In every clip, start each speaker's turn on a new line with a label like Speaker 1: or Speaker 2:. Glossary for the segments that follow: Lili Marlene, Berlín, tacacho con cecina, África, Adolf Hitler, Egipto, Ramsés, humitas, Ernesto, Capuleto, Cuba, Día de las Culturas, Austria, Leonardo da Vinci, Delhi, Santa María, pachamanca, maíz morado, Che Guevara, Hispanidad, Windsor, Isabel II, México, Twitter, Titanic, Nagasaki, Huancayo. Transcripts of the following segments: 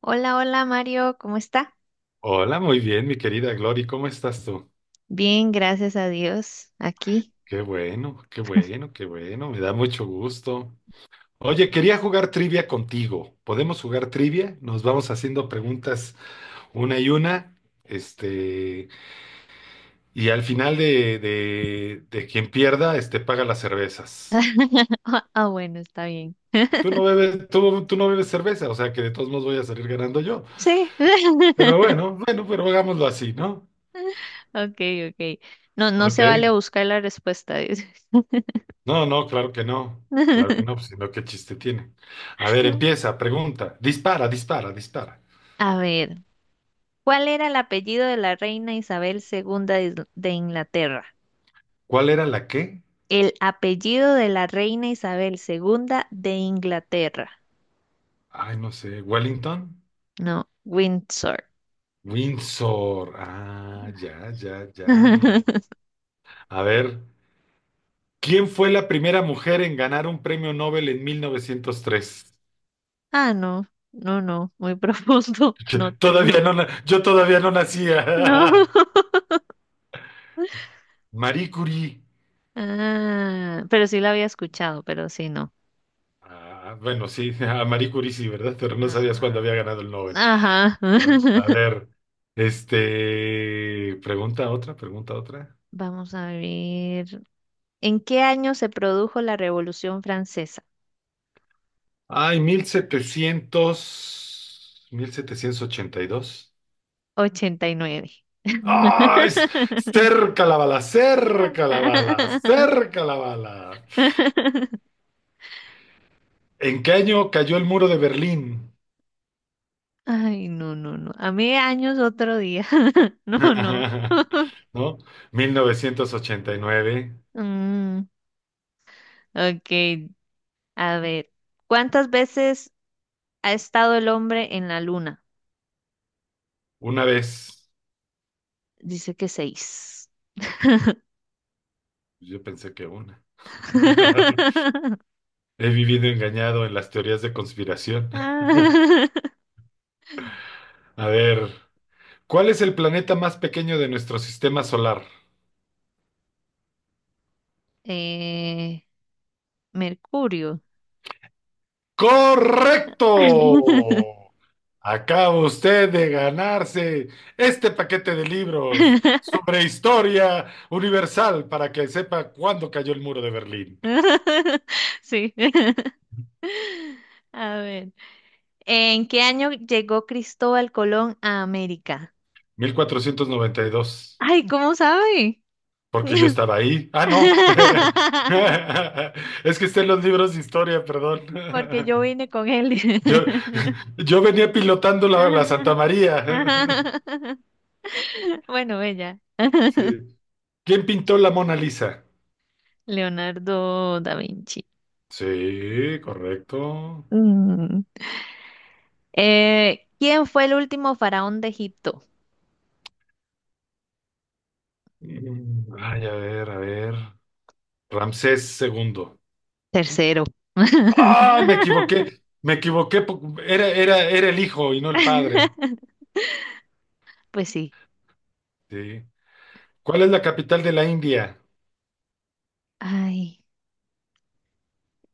Speaker 1: Hola, hola Mario, ¿cómo está?
Speaker 2: Hola, muy bien, mi querida Glory, ¿cómo estás tú?
Speaker 1: Bien, gracias a Dios, aquí.
Speaker 2: Qué bueno, qué bueno, qué bueno, me da mucho gusto. Oye, quería jugar trivia contigo. ¿Podemos jugar trivia? Nos vamos haciendo preguntas una y una. Este, y al final de, quien pierda, paga las cervezas.
Speaker 1: Ah, bueno, está bien.
Speaker 2: Tú no bebes, tú no bebes cerveza, o sea que de todos modos voy a salir ganando yo.
Speaker 1: Sí.
Speaker 2: Pero bueno, bueno, pero hagámoslo así, ¿no?
Speaker 1: Ok, ok. No, no
Speaker 2: Ok.
Speaker 1: se vale buscar la respuesta. Dice.
Speaker 2: No, no, claro que no. Claro que no, pues, sino qué chiste tiene. A ver, empieza, pregunta. Dispara, dispara, dispara.
Speaker 1: A ver, ¿cuál era el apellido de la reina Isabel II de Inglaterra?
Speaker 2: ¿Cuál era la qué?
Speaker 1: El apellido de la reina Isabel II de Inglaterra.
Speaker 2: Ay, no sé. ¿Wellington?
Speaker 1: No, Windsor.
Speaker 2: Windsor. Ah, ya, ya, ya, mira. A ver, ¿quién fue la primera mujer en ganar un premio Nobel en 1903?
Speaker 1: Ah, no, no, no, muy profundo. No tengo.
Speaker 2: Todavía no, yo todavía no
Speaker 1: No.
Speaker 2: nacía. Marie Curie.
Speaker 1: Ah, pero sí la había escuchado, pero sí no.
Speaker 2: Ah, bueno, sí, a Marie Curie sí, ¿verdad? Pero no sabías cuándo había
Speaker 1: Ah,
Speaker 2: ganado el Nobel.
Speaker 1: ajá.
Speaker 2: A a ver, pregunta otra, pregunta otra.
Speaker 1: Vamos a ver. ¿En qué año se produjo la Revolución Francesa?
Speaker 2: Ay, mil setecientos ochenta y dos.
Speaker 1: 89.
Speaker 2: ¡Ay! Cerca la bala, cerca la bala, cerca la bala. ¿En qué año cayó el muro de Berlín?
Speaker 1: Ay, no, no, no. A mí años otro día. No, no.
Speaker 2: ¿No? Mil novecientos ochenta y nueve.
Speaker 1: Mm, ok, a ver. ¿Cuántas veces ha estado el hombre en la luna?
Speaker 2: Una vez.
Speaker 1: Dice que seis.
Speaker 2: Yo pensé que una. He vivido engañado en las teorías de conspiración. A ver. ¿Cuál es el planeta más pequeño de nuestro sistema solar?
Speaker 1: Eh, Mercurio.
Speaker 2: ¡Correcto! Acaba usted de ganarse este paquete de libros sobre historia universal para que sepa cuándo cayó el muro de Berlín.
Speaker 1: Sí. A ver. ¿En qué año llegó Cristóbal Colón a América?
Speaker 2: 1492.
Speaker 1: Ay, ¿cómo sabe?
Speaker 2: Porque yo estaba ahí. Ah, no. Es que está en los libros de historia, perdón.
Speaker 1: Porque yo vine con él.
Speaker 2: Yo, yo venía pilotando la Santa María.
Speaker 1: Bueno, ella.
Speaker 2: Sí. ¿Quién pintó la Mona Lisa?
Speaker 1: Leonardo da Vinci.
Speaker 2: Sí, correcto.
Speaker 1: Mm. ¿Quién fue el último faraón de Egipto?
Speaker 2: Ay, a ver, a ver. Ramsés segundo.
Speaker 1: Tercero.
Speaker 2: ¡Ay, me equivoqué! Me equivoqué. Era el hijo y no el padre.
Speaker 1: Pues sí.
Speaker 2: Sí. ¿Cuál es la capital de la India?
Speaker 1: Ay,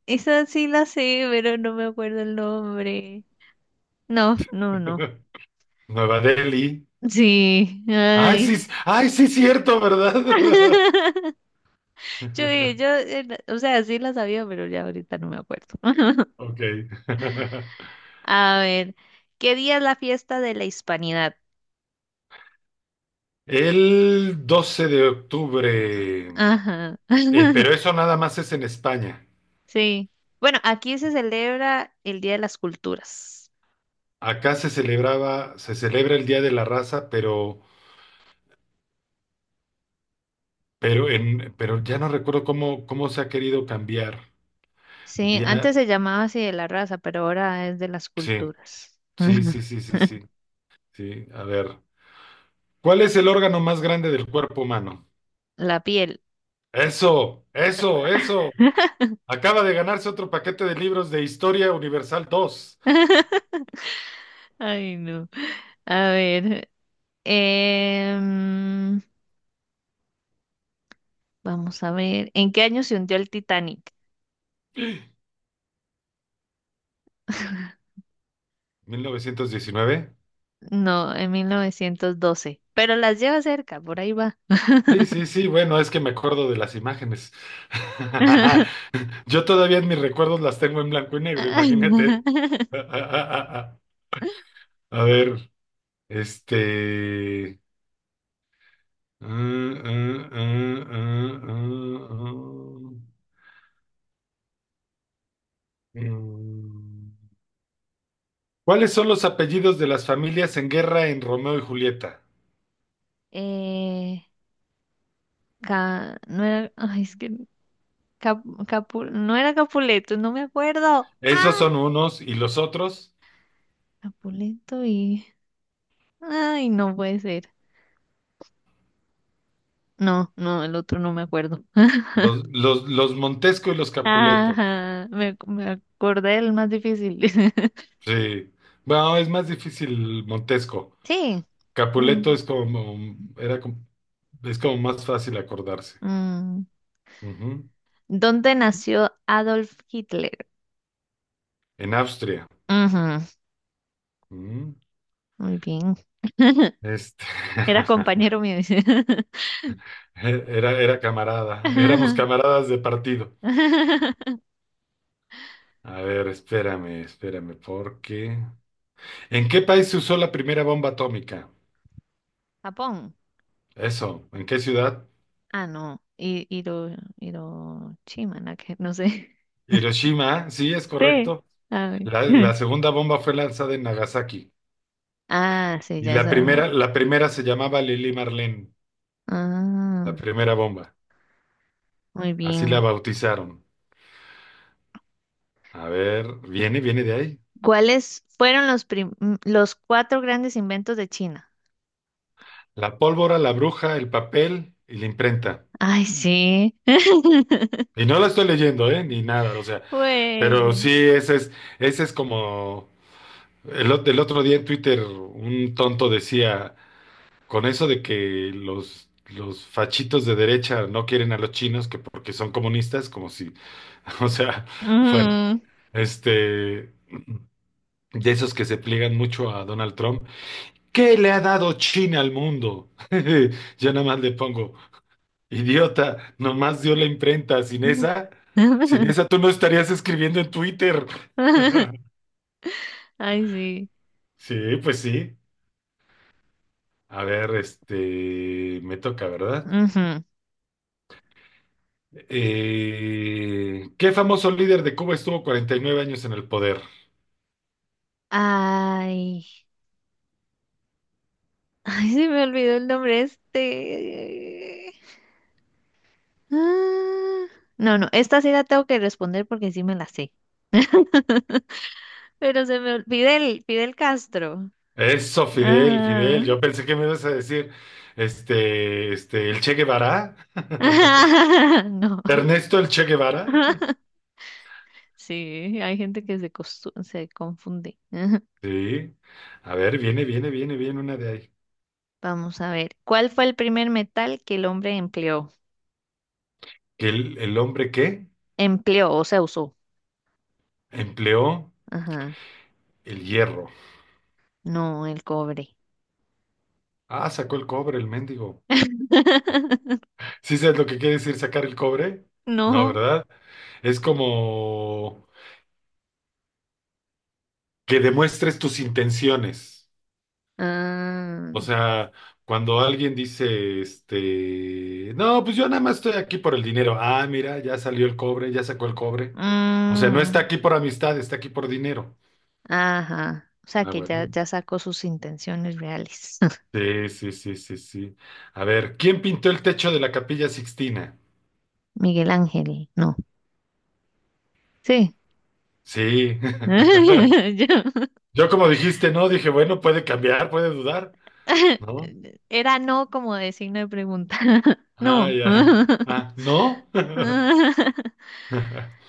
Speaker 1: esa sí la sé, pero no me acuerdo el nombre. No, no, no.
Speaker 2: Nueva Delhi.
Speaker 1: Sí,
Speaker 2: Ay, sí,
Speaker 1: ay.
Speaker 2: ay, sí, cierto, ¿verdad?
Speaker 1: Yo, eh, yo, eh, o sea, sí la sabía, pero ya ahorita no me acuerdo.
Speaker 2: Ok.
Speaker 1: A ver, ¿qué día es la fiesta de la Hispanidad?
Speaker 2: El doce de
Speaker 1: Ajá.
Speaker 2: octubre,
Speaker 1: Ajá.
Speaker 2: pero eso nada más es en España.
Speaker 1: Sí. Bueno, aquí se celebra el Día de las Culturas.
Speaker 2: Acá se celebraba, se celebra el Día de la Raza, pero ya no recuerdo cómo se ha querido cambiar.
Speaker 1: Sí,
Speaker 2: Ya,
Speaker 1: antes se llamaba así de la raza, pero ahora es de las
Speaker 2: sí,
Speaker 1: culturas.
Speaker 2: sí, sí, sí, sí, sí, sí. A ver. ¿Cuál es el órgano más grande del cuerpo humano?
Speaker 1: La piel.
Speaker 2: Eso, eso, eso. Acaba de ganarse otro paquete de libros de Historia Universal dos.
Speaker 1: Ay, no. A ver. em, vamos a ver. ¿En qué año se hundió el Titanic?
Speaker 2: ¿1919?
Speaker 1: No, en 1912. Pero las lleva cerca, por ahí va.
Speaker 2: Sí, sí, sí, bueno, es que me acuerdo de las imágenes. Yo todavía en mis recuerdos las tengo en blanco y negro,
Speaker 1: Ay, no.
Speaker 2: imagínate. A ver, este... Ah, ah, ah, ah, ah, ah. Mm. ¿Cuáles son los apellidos de las familias en guerra en Romeo y Julieta?
Speaker 1: Eh, no era. Ay, es que. No era Capuleto, no me acuerdo. ¡Ah!
Speaker 2: Esos son unos y los otros,
Speaker 1: Capuleto y. Ay, no puede ser. No, no, el otro no me acuerdo.
Speaker 2: los Montesco y los Capuleto.
Speaker 1: Ajá, me acordé del más difícil.
Speaker 2: Sí. Bueno, es más difícil Montesco.
Speaker 1: Sí.
Speaker 2: Capuleto
Speaker 1: mm,
Speaker 2: es como, era como- es como más fácil acordarse.
Speaker 1: mm.
Speaker 2: Ujú.
Speaker 1: ¿Dónde nació Adolf Hitler?
Speaker 2: En Austria.
Speaker 1: Ujú,
Speaker 2: Ujú.
Speaker 1: muy bien.
Speaker 2: Este,
Speaker 1: Era compañero mío. Dice.
Speaker 2: era camarada, éramos camaradas de partido. A ver, espérame, espérame, porque... ¿En qué país se usó la primera bomba atómica?
Speaker 1: Japón.
Speaker 2: Eso, ¿en qué ciudad?
Speaker 1: Ah, no. Hiroshima, no sé.
Speaker 2: Hiroshima, sí, es
Speaker 1: Sí.
Speaker 2: correcto.
Speaker 1: Ay.
Speaker 2: La segunda bomba fue lanzada en Nagasaki.
Speaker 1: Ah, sí,
Speaker 2: Y
Speaker 1: ya es
Speaker 2: la primera,
Speaker 1: además.
Speaker 2: la primera se llamaba Lili Marlene, la
Speaker 1: Ah,
Speaker 2: primera bomba.
Speaker 1: muy
Speaker 2: Así la
Speaker 1: bien.
Speaker 2: bautizaron. A ver, viene, viene de ahí.
Speaker 1: ¿Cuáles fueron los, los cuatro grandes inventos de China?
Speaker 2: La pólvora, la bruja, el papel y la imprenta.
Speaker 1: Ay, sí.
Speaker 2: Y no la estoy leyendo, ¿eh? Ni nada, o sea,
Speaker 1: Pues.
Speaker 2: pero sí, ese es, como... El otro día en Twitter un tonto decía, con eso de que los fachitos de derecha no quieren a los chinos, que porque son comunistas, como si, o sea, bueno,
Speaker 1: Mm.
Speaker 2: este, de esos que se pliegan mucho a Donald Trump, ¿qué le ha dado China al mundo? Yo nada más le pongo, idiota, nomás dio la imprenta, sin esa tú no estarías escribiendo en Twitter.
Speaker 1: Ay, sí.
Speaker 2: Sí, pues sí. A ver, me toca, ¿verdad?
Speaker 1: Ujú.
Speaker 2: ¿Qué famoso líder de Cuba estuvo 49 años en el poder?
Speaker 1: Ay. Ay, se me olvidó el nombre este. Ah. No, no, esta sí la tengo que responder porque sí me la sé. Pero se me olvidó. Fidel, Fidel Castro.
Speaker 2: Eso, Fidel, Fidel.
Speaker 1: Ah.
Speaker 2: Yo pensé que me ibas a decir, el Che Guevara.
Speaker 1: No.
Speaker 2: Ernesto el Che Guevara.
Speaker 1: Sí, hay gente que se, se confunde.
Speaker 2: Sí. A ver, viene, viene, viene, viene una de ahí.
Speaker 1: Vamos a ver. ¿Cuál fue el primer metal que el hombre empleó?
Speaker 2: Que el hombre que
Speaker 1: Empleó, o sea, usó.
Speaker 2: empleó
Speaker 1: Ajá.
Speaker 2: el hierro.
Speaker 1: No, el cobre.
Speaker 2: Ah, sacó el cobre, el mendigo. ¿Sí sabes lo que quiere decir sacar el cobre? No,
Speaker 1: No.
Speaker 2: ¿verdad? Es como que demuestres tus intenciones.
Speaker 1: Ah,
Speaker 2: O sea, cuando alguien dice, no, pues yo nada más estoy aquí por el dinero. Ah, mira, ya salió el cobre, ya sacó el cobre. O sea, no está
Speaker 1: mm,
Speaker 2: aquí por amistad, está aquí por dinero.
Speaker 1: ajá. O sea,
Speaker 2: Ah,
Speaker 1: que ya,
Speaker 2: bueno.
Speaker 1: ya sacó sus intenciones reales.
Speaker 2: Sí, sí, sí, sí, sí. A ver, ¿quién pintó el techo de la Capilla Sixtina?
Speaker 1: Miguel Ángel, no. Sí.
Speaker 2: Sí.
Speaker 1: Yo-
Speaker 2: Yo como dijiste, no, dije, bueno, puede cambiar, puede dudar, ¿no?
Speaker 1: Era no como de signo de pregunta.
Speaker 2: Ah,
Speaker 1: No.
Speaker 2: ya. Ah, ¿no?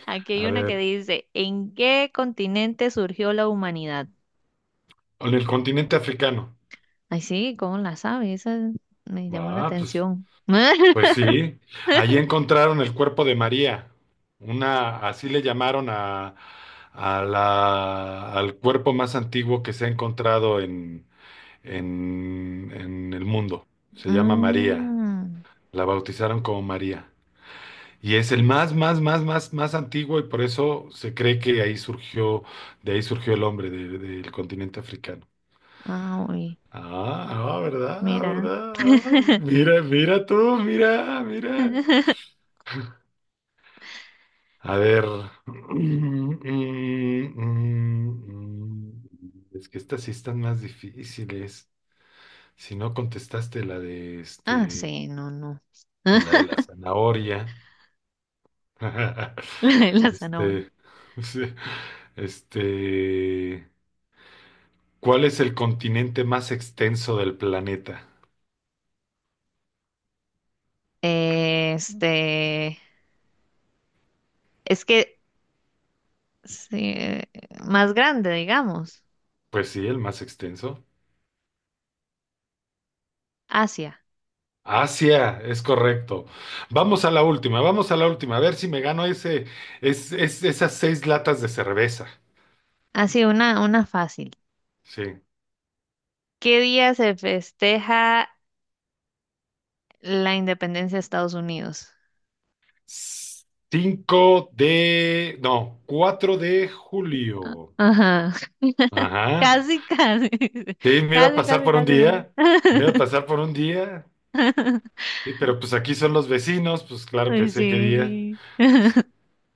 Speaker 1: Aquí hay
Speaker 2: A
Speaker 1: una que
Speaker 2: ver,
Speaker 1: dice, ¿en qué continente surgió la humanidad?
Speaker 2: en el continente africano.
Speaker 1: Ay, sí, ¿cómo la sabe? Esa me llamó la
Speaker 2: Ah, pues.
Speaker 1: atención.
Speaker 2: Pues sí, allí encontraron el cuerpo de María, una, así le llamaron a la, al cuerpo más antiguo que se ha encontrado en, en el mundo. Se llama María,
Speaker 1: Mm,
Speaker 2: la bautizaron como María. Y es el más, más, más, más, más antiguo y por eso se cree que ahí surgió, de ahí surgió el hombre del continente africano.
Speaker 1: ah, uy,
Speaker 2: Ah, ah, ¿verdad? Ah,
Speaker 1: mira.
Speaker 2: ¿verdad? Ah, mira, mira tú, mira, mira. A ver. mm, mm, mm, mm. mm, Es que estas sí están más difíciles. Si no contestaste la de
Speaker 1: Ah, sí, no, no.
Speaker 2: la de la zanahoria.
Speaker 1: La zanahoria.
Speaker 2: Este, sí, este, ¿Cuál es el continente más extenso del planeta?
Speaker 1: Este, es que sí, más grande, digamos.
Speaker 2: Pues sí, el más extenso.
Speaker 1: Asia.
Speaker 2: Asia, es correcto. Vamos a la última, vamos a la última, a ver si me gano esas seis latas de cerveza.
Speaker 1: Así, una fácil.
Speaker 2: Sí.
Speaker 1: ¿Qué día se festeja la independencia de Estados Unidos?
Speaker 2: Cinco de, no, 4 de julio.
Speaker 1: Ajá.
Speaker 2: Ajá.
Speaker 1: Casi, casi.
Speaker 2: Sí, me iba a
Speaker 1: Casi,
Speaker 2: pasar
Speaker 1: casi,
Speaker 2: por un
Speaker 1: casi. ¿No?
Speaker 2: día, me iba a pasar por un día. Sí, pero pues aquí son los vecinos, pues claro que
Speaker 1: Ay,
Speaker 2: sé qué día.
Speaker 1: sí.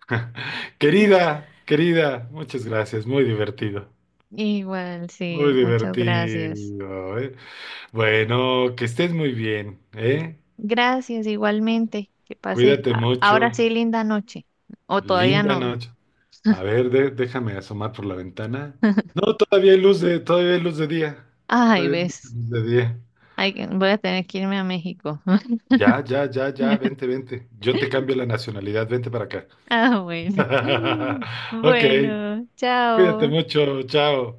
Speaker 2: Querida, querida, muchas gracias, muy divertido.
Speaker 1: Igual,
Speaker 2: Muy
Speaker 1: sí. Muchas gracias.
Speaker 2: divertido, ¿eh? Bueno, que estés muy bien, ¿eh?
Speaker 1: Gracias, igualmente. Que pase.
Speaker 2: Cuídate
Speaker 1: Ahora
Speaker 2: mucho.
Speaker 1: sí, linda noche. O todavía
Speaker 2: Linda
Speaker 1: no.
Speaker 2: noche. A ver, déjame asomar por la ventana. No, todavía hay luz de día.
Speaker 1: Ay,
Speaker 2: Todavía hay mucha
Speaker 1: ves.
Speaker 2: luz de día.
Speaker 1: Ay, voy a tener que irme a México.
Speaker 2: Ya, ya, ya, ya, vente, vente. Yo te cambio la nacionalidad, vente para acá.
Speaker 1: Ah, bueno.
Speaker 2: Ok,
Speaker 1: Bueno,
Speaker 2: cuídate
Speaker 1: chao.
Speaker 2: mucho, chao.